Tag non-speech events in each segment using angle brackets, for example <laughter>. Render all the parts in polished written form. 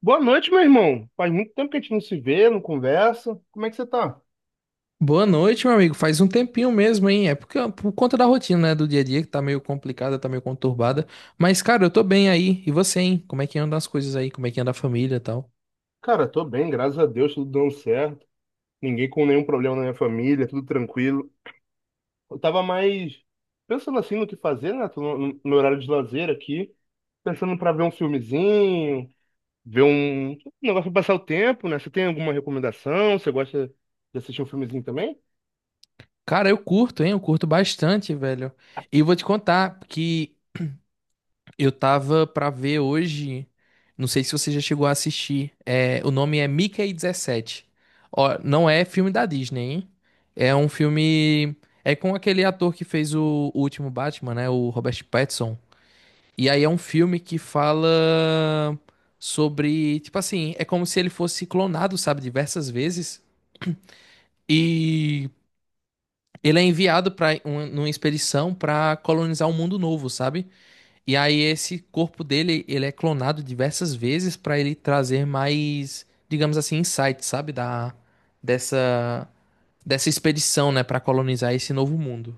Boa noite, meu irmão. Faz muito tempo que a gente não se vê, não conversa. Como é que você tá? Boa noite, meu amigo. Faz um tempinho mesmo, hein? É porque, por conta da rotina, né, do dia a dia, que tá meio complicada, tá meio conturbada. Mas, cara, eu tô bem aí. E você, hein? Como é que andam as coisas aí? Como é que anda a família e tal? Cara, tô bem, graças a Deus, tudo dando certo. Ninguém com nenhum problema na minha família, tudo tranquilo. Eu tava mais pensando assim no que fazer, né? Tô no horário de lazer aqui, pensando pra ver um filmezinho, ver um negócio pra passar o tempo, né? Você tem alguma recomendação? Você gosta de assistir um filmezinho também? Cara, eu curto, hein? Eu curto bastante, velho. E vou te contar que eu tava pra ver hoje. Não sei se você já chegou a assistir. É, o nome é Mickey 17. Ó, não é filme da Disney, hein? É um filme. É com aquele ator que fez o último Batman, né? O Robert Pattinson. E aí é um filme que fala sobre, tipo assim, é como se ele fosse clonado, sabe, diversas vezes. E ele é enviado para uma expedição para colonizar um mundo novo, sabe? E aí esse corpo dele, ele é clonado diversas vezes para ele trazer mais, digamos assim, insights, sabe, da dessa dessa expedição, né, para colonizar esse novo mundo.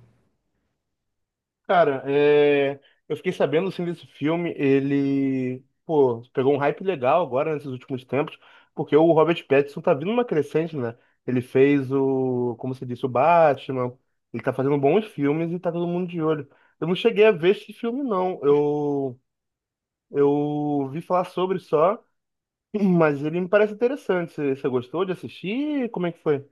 Cara, é, eu fiquei sabendo assim desse filme, ele, pô, pegou um hype legal agora nesses últimos tempos, porque o Robert Pattinson tá vindo uma crescente, né? Ele fez o, como se disse, o Batman, ele tá fazendo bons filmes e tá todo mundo de olho. Eu não cheguei a ver esse filme, não. Eu vi falar sobre só, <laughs> mas ele me parece interessante. Você gostou de assistir? Como é que foi?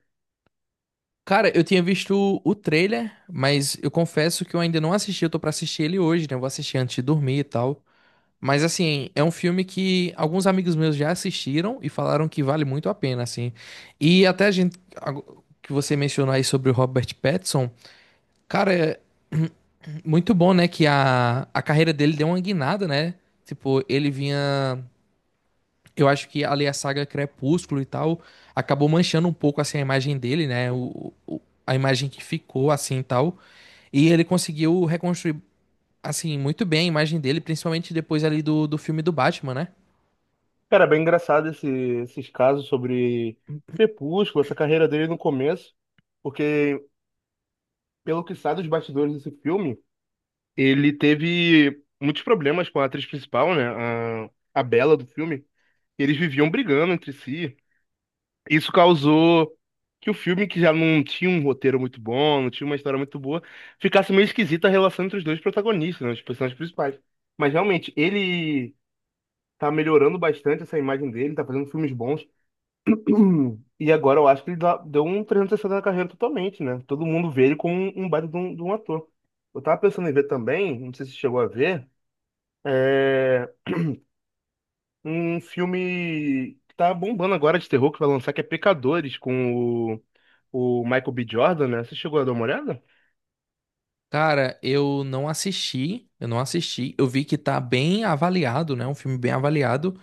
Cara, eu tinha visto o trailer, mas eu confesso que eu ainda não assisti. Eu tô pra assistir ele hoje, né? Eu vou assistir antes de dormir e tal. Mas assim, é um filme que alguns amigos meus já assistiram e falaram que vale muito a pena, assim. E até a gente que você mencionou aí sobre o Robert Pattinson, cara, é muito bom, né? Que a carreira dele deu uma guinada, né? Tipo, ele vinha eu acho que ali a saga Crepúsculo e tal acabou manchando um pouco assim a imagem dele, né? A imagem que ficou assim e tal. E ele conseguiu reconstruir assim muito bem a imagem dele, principalmente depois ali do filme do Batman, né? Cara, é bem engraçado esses casos sobre Crepúsculo, essa carreira dele no começo, porque, pelo que sabe dos bastidores desse filme, ele teve muitos problemas com a atriz principal, né, a Bella do filme, eles viviam brigando entre si. Isso causou que o filme, que já não tinha um roteiro muito bom, não tinha uma história muito boa, ficasse meio esquisita a relação entre os dois protagonistas, né, os personagens principais. Mas, realmente, ele tá melhorando bastante essa imagem dele, tá fazendo filmes bons. E agora eu acho que ele deu um 360 na carreira totalmente, né? Todo mundo vê ele como um baita de de um ator. Eu tava pensando em ver também, não sei se você chegou a ver, é, um filme que tá bombando agora de terror que vai lançar, que é Pecadores, com o, o Michael B. Jordan, né? Você chegou a dar uma olhada? Cara, eu não assisti. Eu vi que tá bem avaliado, né? Um filme bem avaliado.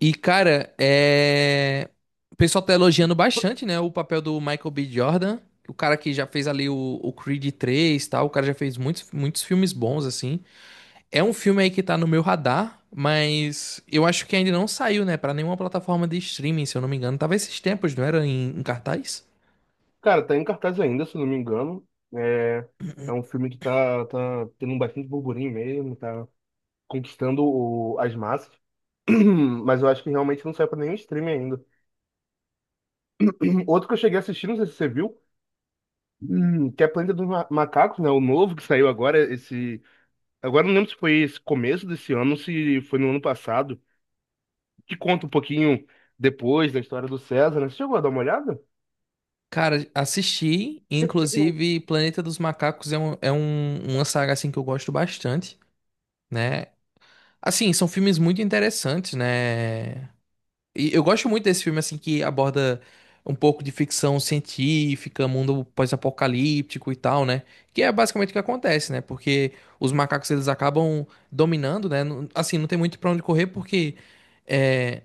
E, cara, é... o pessoal tá elogiando bastante, né? O papel do Michael B. Jordan, o cara que já fez ali o Creed 3 e tal. O cara já fez muitos, muitos filmes bons, assim. É um filme aí que tá no meu radar, mas eu acho que ainda não saiu, né? Pra nenhuma plataforma de streaming, se eu não me engano. Tava esses tempos, não era? Em cartaz? Cara, tá em cartaz ainda, se eu não me engano. É, é um filme que tá tendo um bastante burburinho mesmo, tá conquistando as massas. <clears throat> Mas eu acho que realmente não saiu pra nenhum streaming ainda. Outro que eu cheguei a assistir, não sei se você viu, que é Planeta dos Macacos, né? O novo que saiu agora, esse. Agora eu não lembro se foi esse começo desse ano, se foi no ano passado, que conta um pouquinho depois da história do César, né? Você chegou a dar uma olhada? Cara, assisti. E, <coughs> inclusive, Planeta dos Macacos é um- uma saga, assim, que eu gosto bastante, né? Assim, são filmes muito interessantes, né? E eu gosto muito desse filme, assim, que aborda um pouco de ficção científica, mundo pós-apocalíptico e tal, né? Que é basicamente o que acontece, né? Porque os macacos, eles acabam dominando, né? Assim, não tem muito pra onde correr, porque... eh,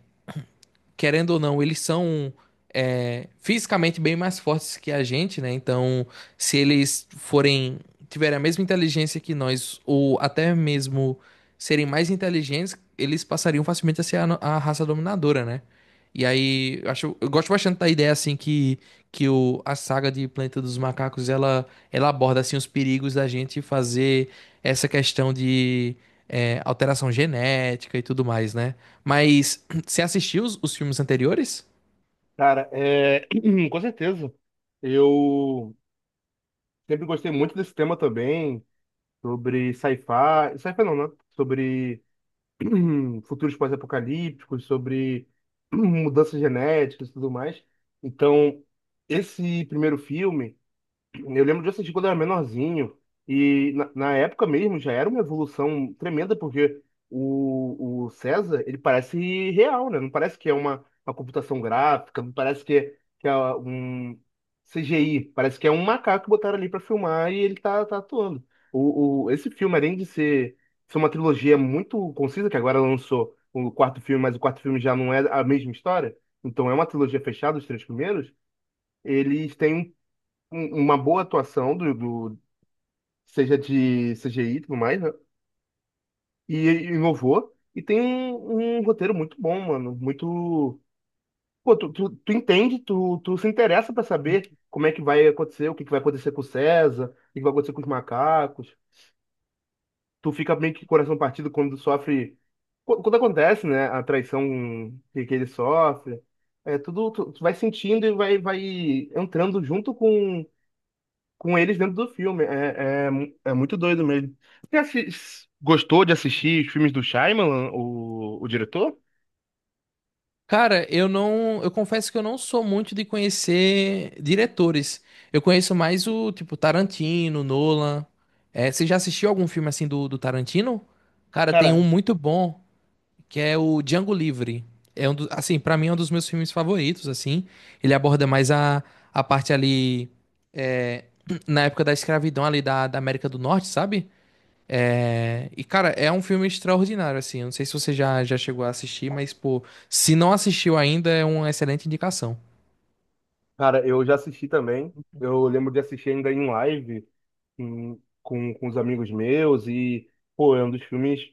querendo ou não, eles são é, fisicamente bem mais fortes que a gente, né? Então, se eles forem tiverem a mesma inteligência que nós, ou até mesmo serem mais inteligentes, eles passariam facilmente a ser a, a raça dominadora, né? E aí, eu acho, eu gosto bastante da ideia assim que o, a saga de Planeta dos Macacos ela, ela aborda assim os perigos da gente fazer essa questão de é, alteração genética e tudo mais, né? Mas você assistiu os filmes anteriores? Cara, é... <clears throat> com certeza. Eu sempre gostei muito desse tema também, sobre sci-fi. Sci-fi não, né? Sobre <clears throat> futuros pós-apocalípticos, sobre <clears throat> mudanças genéticas e tudo mais. Então, esse primeiro filme. Eu lembro de assistir quando eu era menorzinho. E na época mesmo já era uma evolução tremenda, porque o César, ele parece real, né? Não parece que é uma computação gráfica, não parece que é um CGI. Parece que é um macaco que botaram ali pra filmar e ele tá atuando. Esse filme, além de ser uma trilogia muito concisa, que agora lançou o quarto filme, mas o quarto filme já não é a mesma história, então é uma trilogia fechada, os três primeiros. Eles têm uma boa atuação seja de CGI e tudo mais, né? E inovou. E tem um roteiro muito bom, mano. Muito. Pô, tu entende, tu se interessa pra saber como é que vai acontecer, o que que vai acontecer com o César, o que que vai acontecer com os macacos. Tu fica meio que com o coração partido quando sofre. Quando acontece, né? A traição que ele sofre. É tudo. Tu vai sentindo e vai entrando junto com eles dentro do filme. É muito doido mesmo. Você gostou de assistir os filmes do Shyamalan, o diretor? Cara, eu confesso que eu não sou muito de conhecer diretores. Eu conheço mais o tipo Tarantino, Nolan. É, você já assistiu algum filme assim do, Tarantino? Cara, tem um Cara, muito bom que é o Django Livre. É um do, assim, para mim é um dos meus filmes favoritos. Assim, ele aborda mais a parte ali é, <clears throat> na época da escravidão ali da América do Norte, sabe? É, e, cara, é um filme extraordinário, assim. Eu não sei se você já chegou a assistir, mas, pô, se não assistiu ainda, é uma excelente indicação. Cara, eu já assisti também. Eu lembro de assistir ainda em live com, com os amigos meus e, pô, é um dos filmes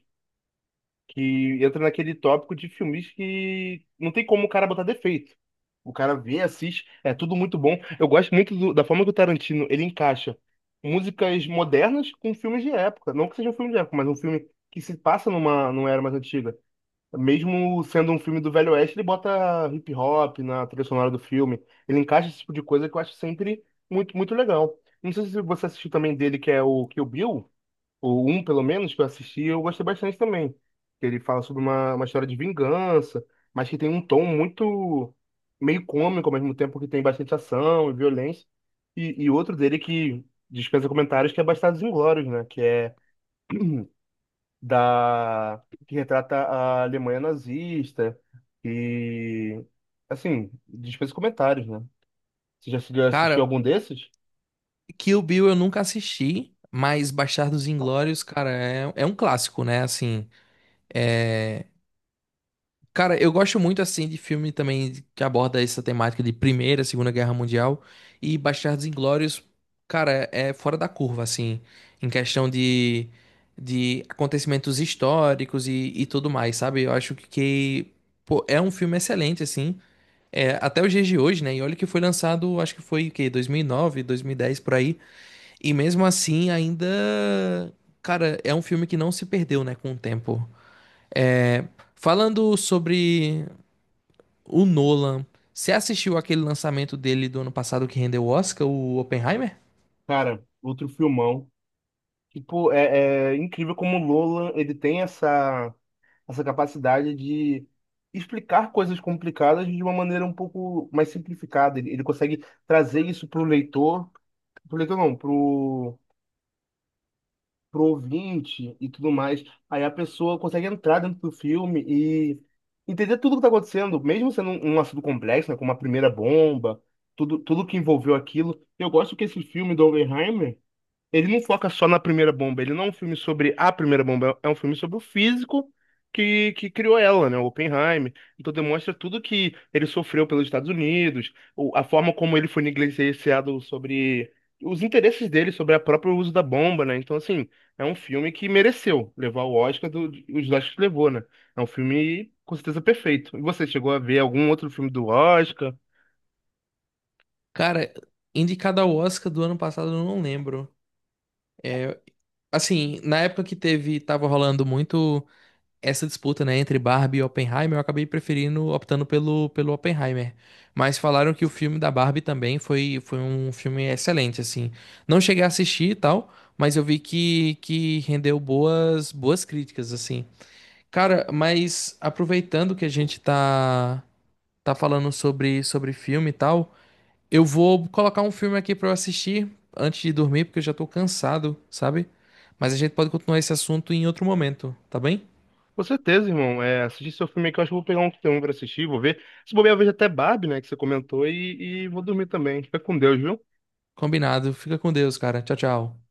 que entra naquele tópico de filmes que não tem como o cara botar defeito. O cara vê, assiste, é tudo muito bom. Eu gosto muito da forma que o Tarantino ele encaixa músicas modernas com filmes de época. Não que seja um filme de época, mas um filme que se passa numa, numa era mais antiga. Mesmo sendo um filme do Velho Oeste, ele bota hip hop na trilha sonora do filme. Ele encaixa esse tipo de coisa que eu acho sempre muito, muito legal. Não sei se você assistiu também dele, que é o Kill Bill. O um, pelo menos, que eu assisti, eu gostei bastante também. Que ele fala sobre uma história de vingança, mas que tem um tom muito meio cômico ao mesmo tempo que tem bastante ação e violência. E outro dele que dispensa comentários, que é Bastardos Inglórios, né? Que é da... que retrata a Alemanha nazista e... assim, dispensa comentários, né? Você já assistiu Cara, algum desses? Kill Bill eu nunca assisti, mas Bastardos Inglórios, cara, é um clássico, né? Assim, é, cara, eu gosto muito assim de filme também que aborda essa temática de Primeira, Segunda Guerra Mundial e Bastardos Inglórios, cara, é fora da curva assim, em questão de acontecimentos históricos e tudo mais, sabe? Eu acho que, pô, é um filme excelente assim, é, até os dias de hoje, né? E olha que foi lançado, acho que foi o quê? 2009, 2010 por aí, e mesmo assim ainda, cara, é um filme que não se perdeu, né, com o tempo. É, falando sobre o Nolan. Você assistiu aquele lançamento dele do ano passado que rendeu o Oscar, o Oppenheimer? Cara, outro filmão. Tipo, é incrível como o Nolan, ele tem essa capacidade de explicar coisas complicadas de uma maneira um pouco mais simplificada. Ele consegue trazer isso para o leitor não, para o ouvinte e tudo mais. Aí a pessoa consegue entrar dentro do filme e entender tudo o que está acontecendo, mesmo sendo um assunto complexo, né, como a primeira bomba, tudo que envolveu aquilo. Eu gosto que esse filme do Oppenheimer ele não foca só na primeira bomba, ele não é um filme sobre a primeira bomba, é um filme sobre o físico que criou ela, né? O Oppenheimer. Então demonstra tudo que ele sofreu pelos Estados Unidos, a forma como ele foi negligenciado sobre os interesses dele sobre o próprio uso da bomba, né? Então, assim, é um filme que mereceu levar o Oscar do, os Oscars levou, né? É um filme com certeza perfeito. E você chegou a ver algum outro filme do Oscar? Cara, indicado ao Oscar do ano passado, eu não lembro. É, assim, na época que teve, tava rolando muito essa disputa, né, entre Barbie e Oppenheimer, eu acabei preferindo, optando pelo, pelo Oppenheimer. Mas falaram que o filme da Barbie também foi, um filme excelente, assim. Não cheguei a assistir e tal, mas eu vi que rendeu boas, críticas, assim. Cara, mas aproveitando que a gente tá falando sobre filme e tal, eu vou colocar um filme aqui pra eu assistir antes de dormir, porque eu já tô cansado, sabe? Mas a gente pode continuar esse assunto em outro momento, tá bem? Com certeza, irmão. É, assistir seu filme aqui, eu acho que eu vou pegar um que tem um pra assistir, vou ver. Se bobear, eu vejo até Barbie, né, que você comentou, e vou dormir também. Fica com Deus, viu? Combinado. Fica com Deus, cara. Tchau, tchau.